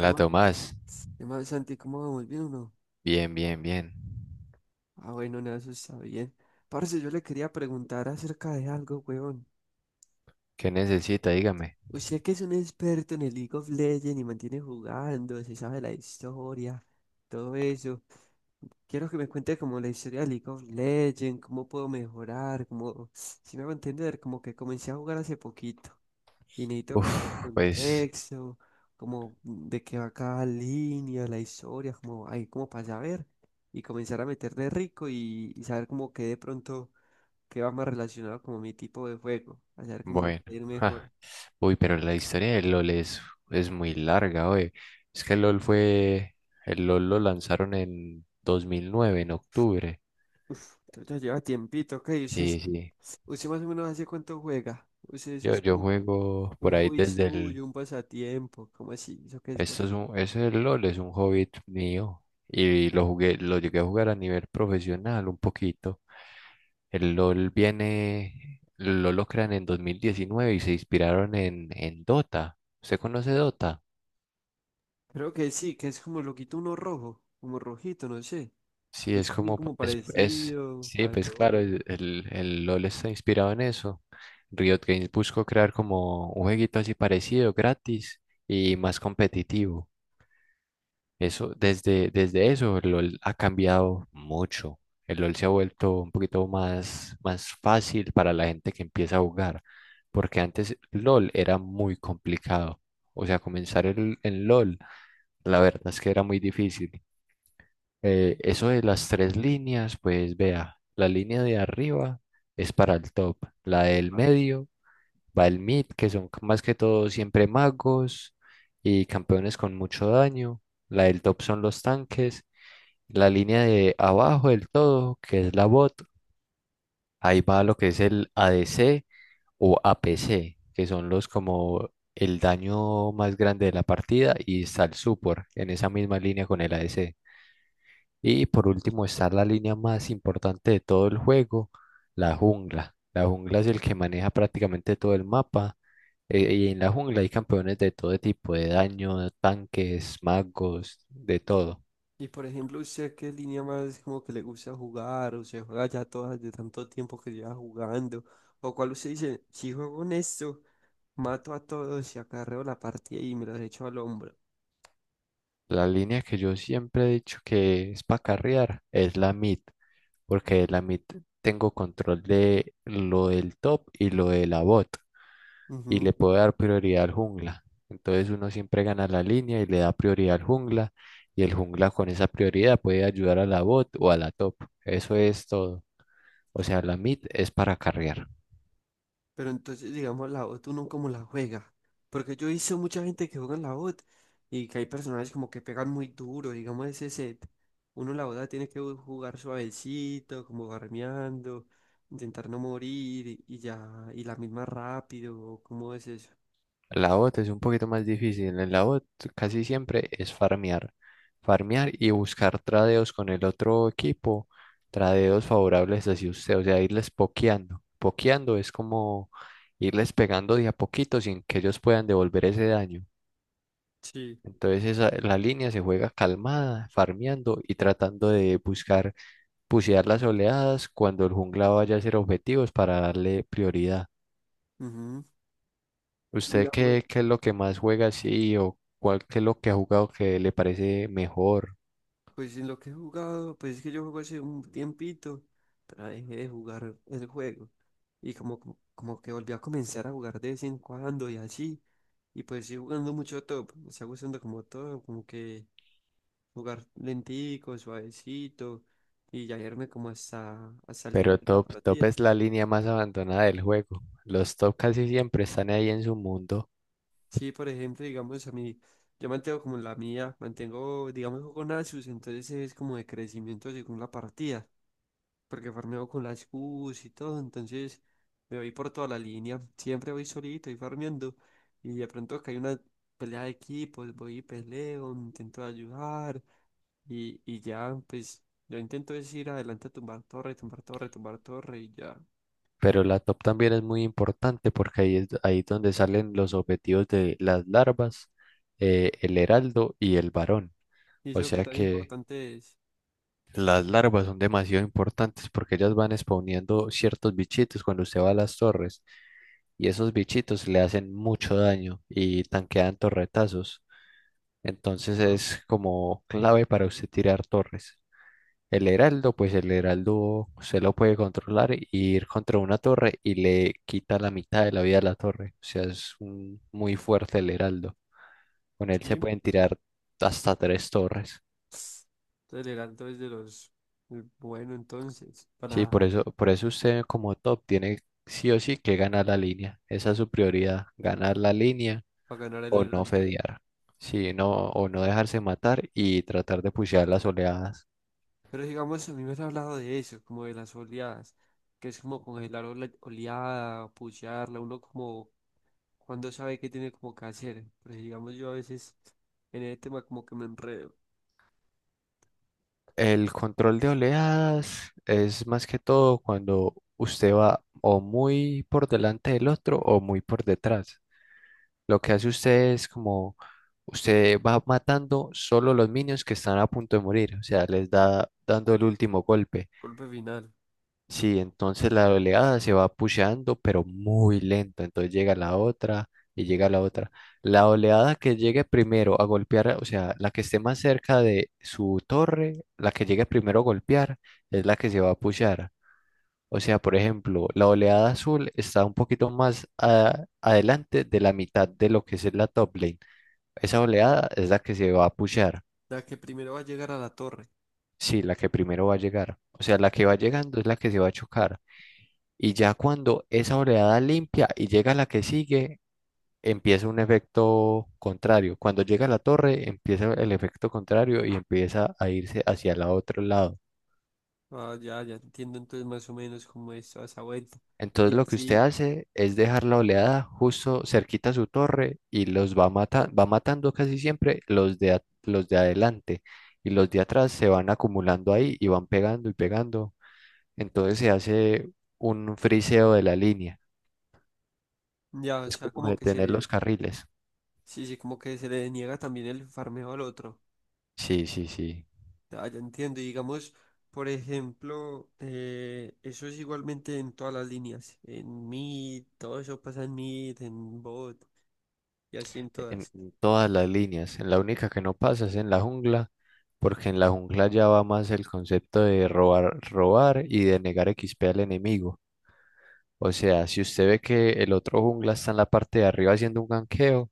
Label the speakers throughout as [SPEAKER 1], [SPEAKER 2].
[SPEAKER 1] ¿Qué
[SPEAKER 2] La
[SPEAKER 1] más,
[SPEAKER 2] Tomás.
[SPEAKER 1] qué más, Santi? ¿Cómo vamos? ¿Bien o no?
[SPEAKER 2] Bien, bien, bien.
[SPEAKER 1] Ah, bueno, nada, eso está bien. Parce, yo le quería preguntar acerca de algo, weón.
[SPEAKER 2] ¿Qué necesita? Dígame.
[SPEAKER 1] Usted que es un experto en el League of Legends y mantiene jugando, se sabe la historia, todo eso. Quiero que me cuente como la historia de League of Legends, cómo puedo mejorar, como, si me va a entender, como que comencé a jugar hace poquito. Y necesito como
[SPEAKER 2] Uf, pues,
[SPEAKER 1] contexto, como de qué va cada línea, la historia, como ahí como para saber y comenzar a meterle rico y saber como que de pronto qué va más relacionado como mi tipo de juego, a saber cómo me
[SPEAKER 2] bueno.
[SPEAKER 1] puede ir mejor.
[SPEAKER 2] Ja. Uy, pero la historia de LOL es muy larga, oye. Es que LOL fue. El LOL lo lanzaron en 2009, en octubre.
[SPEAKER 1] Uf, pero ya lleva tiempito, ok, usted
[SPEAKER 2] Sí,
[SPEAKER 1] sí,
[SPEAKER 2] sí.
[SPEAKER 1] usted más o menos hace cuánto juega, usted eso
[SPEAKER 2] Yo,
[SPEAKER 1] es
[SPEAKER 2] yo
[SPEAKER 1] como
[SPEAKER 2] juego
[SPEAKER 1] un
[SPEAKER 2] por ahí
[SPEAKER 1] hobby
[SPEAKER 2] desde el.
[SPEAKER 1] suyo, un pasatiempo, ¿cómo así? ¿Eso qué es, pues?
[SPEAKER 2] Eso del LOL es un hobby mío. Y lo llegué a jugar a nivel profesional un poquito. El LOL lo crean en 2019 y se inspiraron en Dota. ¿Usted conoce Dota?
[SPEAKER 1] Creo que sí, que es como loquito uno rojo, como rojito, no sé.
[SPEAKER 2] Sí,
[SPEAKER 1] Es
[SPEAKER 2] es
[SPEAKER 1] también
[SPEAKER 2] como,
[SPEAKER 1] como parecido,
[SPEAKER 2] sí, pues claro,
[SPEAKER 1] algo.
[SPEAKER 2] el LOL está inspirado en eso. Riot Games buscó crear como un jueguito así parecido, gratis y más competitivo. Eso, desde eso, el LOL ha cambiado mucho. El LOL se ha vuelto un poquito más fácil para la gente que empieza a jugar, porque antes LOL era muy complicado. O sea, en LOL, la verdad es que era muy difícil. Eso de las tres líneas, pues vea, la línea de arriba es para el top, la del
[SPEAKER 1] Epa.
[SPEAKER 2] medio va el mid, que son más que todo siempre magos y campeones con mucho daño, la del top son los tanques, la línea de abajo del todo, que es la bot, ahí va lo que es el ADC o APC, que son los como el daño más grande de la partida, y está el support en esa misma línea con el ADC. Y por último está la línea más importante de todo el juego, la jungla. La jungla es el que maneja prácticamente todo el mapa. Eh, y en la jungla hay campeones de todo tipo, de daño, tanques, magos, de todo.
[SPEAKER 1] Y por ejemplo, ¿usted qué línea más como que le gusta jugar? ¿O se juega ya todas de tanto tiempo que lleva jugando? ¿O cuál usted dice, si juego en esto, mato a todos y acarreo la partida y me los echo al hombro?
[SPEAKER 2] La línea que yo siempre he dicho que es para carrear es la mid, porque de la mid tengo control de lo del top y lo de la bot, y le puedo dar prioridad al jungla. Entonces uno siempre gana la línea y le da prioridad al jungla, y el jungla con esa prioridad puede ayudar a la bot o a la top. Eso es todo. O sea, la mid es para carrear.
[SPEAKER 1] Pero entonces, digamos, la bot uno como la juega. Porque yo he visto mucha gente que juega en la bot y que hay personajes como que pegan muy duro, digamos, ese set. Uno la bot tiene que jugar suavecito, como farmeando, intentar no morir y ya, y la misma rápido, ¿o ¿cómo es eso?
[SPEAKER 2] La bot es un poquito más difícil. En la bot casi siempre es farmear. Farmear y buscar tradeos con el otro equipo. Tradeos favorables hacia usted. O sea, irles pokeando. Pokeando es como irles pegando de a poquito sin que ellos puedan devolver ese daño.
[SPEAKER 1] Sí.
[SPEAKER 2] La línea se juega calmada, farmeando y tratando de buscar pusear las oleadas cuando el jungla vaya a hacer objetivos para darle prioridad.
[SPEAKER 1] Ujú.
[SPEAKER 2] ¿Usted
[SPEAKER 1] Digamos,
[SPEAKER 2] qué, qué es lo que más juega así o cuál qué es lo que ha jugado que le parece mejor?
[SPEAKER 1] pues en lo que he jugado, pues es que yo juego hace un tiempito, pero dejé de jugar el juego. Y como que volví a comenzar a jugar de vez en cuando y así. Y pues sí jugando mucho top, me está gustando como todo, como que jugar lentico, suavecito y ya irme como hasta el final
[SPEAKER 2] Pero
[SPEAKER 1] de la
[SPEAKER 2] top, top
[SPEAKER 1] partida.
[SPEAKER 2] es la línea más abandonada del juego. Los top casi siempre están ahí en su mundo,
[SPEAKER 1] Sí, por ejemplo, digamos a mí, yo mantengo como la mía, mantengo, digamos, juego Nasus, entonces es como de crecimiento según la partida. Porque farmeo con las Qs y todo, entonces me voy por toda la línea, siempre voy solito y farmeando, y de pronto que hay una pelea de equipos, voy y peleo, intento ayudar, y ya, pues, yo intento es ir adelante a tumbar torre, tumbar torre, tumbar torre, y ya,
[SPEAKER 2] pero la top también es muy importante porque ahí es donde salen los objetivos de las larvas, el heraldo y el varón.
[SPEAKER 1] y
[SPEAKER 2] O
[SPEAKER 1] eso que
[SPEAKER 2] sea
[SPEAKER 1] tan
[SPEAKER 2] que
[SPEAKER 1] importante es.
[SPEAKER 2] las larvas son demasiado importantes porque ellas van spawneando ciertos bichitos cuando usted va a las torres y esos bichitos le hacen mucho daño y tanquean torretazos. Entonces
[SPEAKER 1] Ajá,
[SPEAKER 2] es como clave para usted tirar torres. El heraldo, pues el heraldo se lo puede controlar y ir contra una torre y le quita la mitad de la vida a la torre. O sea, muy fuerte el heraldo. Con él se
[SPEAKER 1] sí,
[SPEAKER 2] pueden tirar hasta tres torres.
[SPEAKER 1] entonces el heraldo es de los, el bueno entonces,
[SPEAKER 2] Sí, por eso usted como top tiene sí o sí que ganar la línea. Esa es su prioridad, ganar la línea
[SPEAKER 1] para ganar el
[SPEAKER 2] o no
[SPEAKER 1] heraldo.
[SPEAKER 2] fedear. Sí, no, o no dejarse matar y tratar de pushear las oleadas.
[SPEAKER 1] Pero digamos, a mí me han hablado de eso, como de las oleadas, que es como congelar oleada, pullarla, uno como cuando sabe qué tiene como que hacer. Pero digamos, yo a veces en el tema como que me enredo.
[SPEAKER 2] El control de oleadas es más que todo cuando usted va o muy por delante del otro o muy por detrás. Lo que hace usted es como usted va matando solo los minions que están a punto de morir, o sea, les da dando el último golpe.
[SPEAKER 1] Golpe final.
[SPEAKER 2] Sí, entonces la oleada se va pusheando, pero muy lento. Entonces llega la otra y llega la otra. La oleada que llegue primero a golpear, o sea, la que esté más cerca de su torre, la que llegue primero a golpear, es la que se va a pushear. O sea, por ejemplo, la oleada azul está un poquito adelante de la mitad de lo que es la top lane. Esa
[SPEAKER 1] Sí.
[SPEAKER 2] oleada es la que se va a pushear.
[SPEAKER 1] La que primero va a llegar a la torre.
[SPEAKER 2] Sí, la que primero va a llegar. O sea, la que va llegando es la que se va a chocar. Y ya cuando esa oreada limpia y llega la que sigue, empieza un efecto contrario. Cuando llega a la torre, empieza el efecto contrario y empieza a irse hacia el otro lado.
[SPEAKER 1] Ah, ya, ya entiendo entonces más o menos cómo es toda esa vuelta. Y
[SPEAKER 2] Entonces lo que usted
[SPEAKER 1] así,
[SPEAKER 2] hace es dejar la oleada justo cerquita a su torre y los va va matando casi siempre los de adelante y los de atrás se van acumulando ahí y van pegando y pegando. Entonces se hace un friseo de la línea.
[SPEAKER 1] ya, o
[SPEAKER 2] Es
[SPEAKER 1] sea,
[SPEAKER 2] como
[SPEAKER 1] como que
[SPEAKER 2] detener
[SPEAKER 1] se,
[SPEAKER 2] los carriles.
[SPEAKER 1] sí, sí, como que se le niega también el farmeo al otro.
[SPEAKER 2] Sí, sí, sí.
[SPEAKER 1] Ya, ya entiendo. Y digamos, por ejemplo, eso es igualmente en todas las líneas. En Meet, todo eso pasa en Meet, en Bot y así en
[SPEAKER 2] en
[SPEAKER 1] todas.
[SPEAKER 2] en todas las líneas. En la única que no pasa es en la jungla, porque en la jungla ya va más el concepto de robar, robar y de negar XP al enemigo. O sea, si usted ve que el otro jungla está en la parte de arriba haciendo un ganqueo,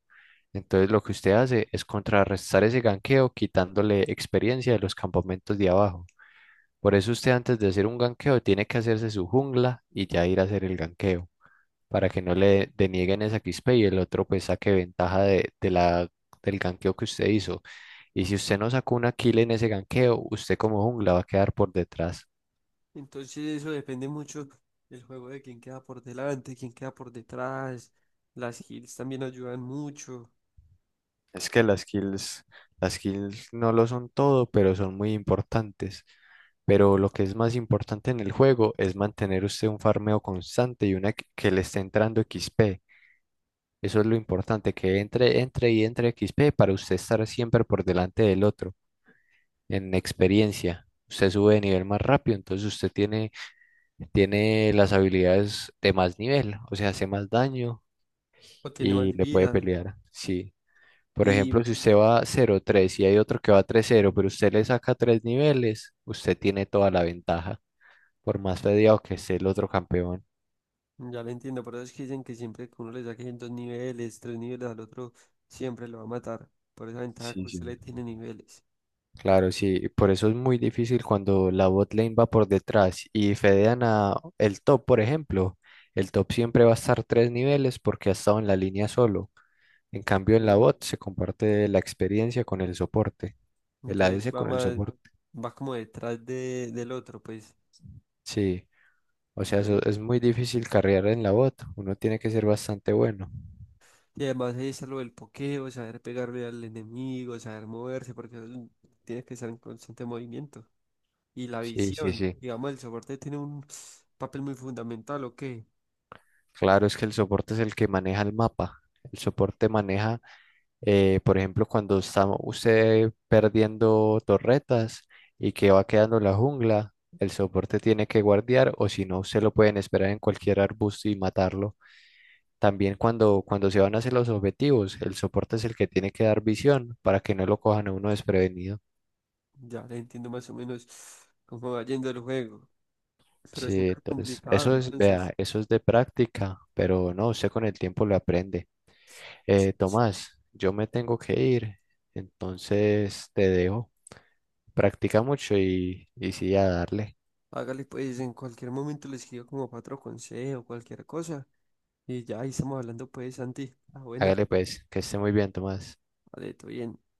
[SPEAKER 2] entonces lo que usted hace es contrarrestar ese ganqueo quitándole experiencia de los campamentos de abajo. Por eso usted antes de hacer un ganqueo tiene que hacerse su jungla y ya ir a hacer el ganqueo para que no le denieguen esa XP y el otro pues saque ventaja de la, del ganqueo que usted hizo. Y si usted no sacó una kill en ese ganqueo, usted como jungla va a quedar por detrás.
[SPEAKER 1] Entonces eso depende mucho del juego de quién queda por delante, quién queda por detrás. Las heals también ayudan mucho
[SPEAKER 2] Es que las kills no lo son todo, pero son muy importantes. Pero lo que es más importante en el juego es mantener usted un farmeo constante y una que le esté entrando XP. Eso es lo importante, que entre, entre y entre XP para usted estar siempre por delante del otro. En experiencia. Usted sube de nivel más rápido, entonces usted tiene, tiene las habilidades de más nivel, o sea, hace más daño
[SPEAKER 1] o tiene más
[SPEAKER 2] y le puede
[SPEAKER 1] vida.
[SPEAKER 2] pelear. Sí. Por ejemplo,
[SPEAKER 1] Y
[SPEAKER 2] si usted va 0-3 y hay otro que va 3-0 pero usted le saca tres niveles, usted tiene toda la ventaja, por más fedeado que esté el otro campeón.
[SPEAKER 1] ya lo entiendo, por eso es que dicen que siempre que uno le saque en dos niveles, tres niveles al otro, siempre lo va a matar. Por esa ventaja
[SPEAKER 2] Sí,
[SPEAKER 1] que usted
[SPEAKER 2] sí.
[SPEAKER 1] le tiene niveles.
[SPEAKER 2] Claro, sí, por eso es muy difícil cuando la bot lane va por detrás y fedean a el top, por ejemplo. El top siempre va a estar tres niveles porque ha estado en la línea solo. En cambio, en la
[SPEAKER 1] Sí.
[SPEAKER 2] bot se comparte la experiencia con el soporte, el
[SPEAKER 1] Entonces
[SPEAKER 2] ADC
[SPEAKER 1] va
[SPEAKER 2] con el
[SPEAKER 1] más,
[SPEAKER 2] soporte.
[SPEAKER 1] va como detrás de, del otro, pues.
[SPEAKER 2] Sí, o sea,
[SPEAKER 1] Dale.
[SPEAKER 2] eso es muy difícil carrear en la bot, uno tiene que ser bastante bueno.
[SPEAKER 1] Y además ahí está lo del pokeo, saber pegarle al enemigo, saber moverse, porque eso tiene que estar en constante movimiento. Y la
[SPEAKER 2] Sí, sí,
[SPEAKER 1] visión,
[SPEAKER 2] sí.
[SPEAKER 1] digamos, el soporte tiene un papel muy fundamental, ¿o qué?
[SPEAKER 2] Claro, es que el soporte es el que maneja el mapa. El soporte maneja, por ejemplo, cuando está usted perdiendo torretas y que va quedando la jungla, el soporte tiene que guardiar o si no, se lo pueden esperar en cualquier arbusto y matarlo. También cuando se van a hacer los objetivos, el soporte es el que tiene que dar visión para que no lo cojan a uno desprevenido.
[SPEAKER 1] Ya le entiendo más o menos cómo va yendo el juego. Pero
[SPEAKER 2] Sí,
[SPEAKER 1] siempre es
[SPEAKER 2] entonces,
[SPEAKER 1] complicado,
[SPEAKER 2] eso es,
[SPEAKER 1] entonces,
[SPEAKER 2] vea, eso es de práctica, pero no, usted con el tiempo lo aprende.
[SPEAKER 1] sí, sí.
[SPEAKER 2] Tomás, yo me tengo que ir, entonces te dejo. Practica mucho y sí, a darle.
[SPEAKER 1] Hágale pues, en cualquier momento le escribo como cuatro consejos, cualquier cosa. Y ya ahí estamos hablando pues, Santi. Ah, buena,
[SPEAKER 2] Hágale pues, que esté muy bien, Tomás.
[SPEAKER 1] vale, todo bien.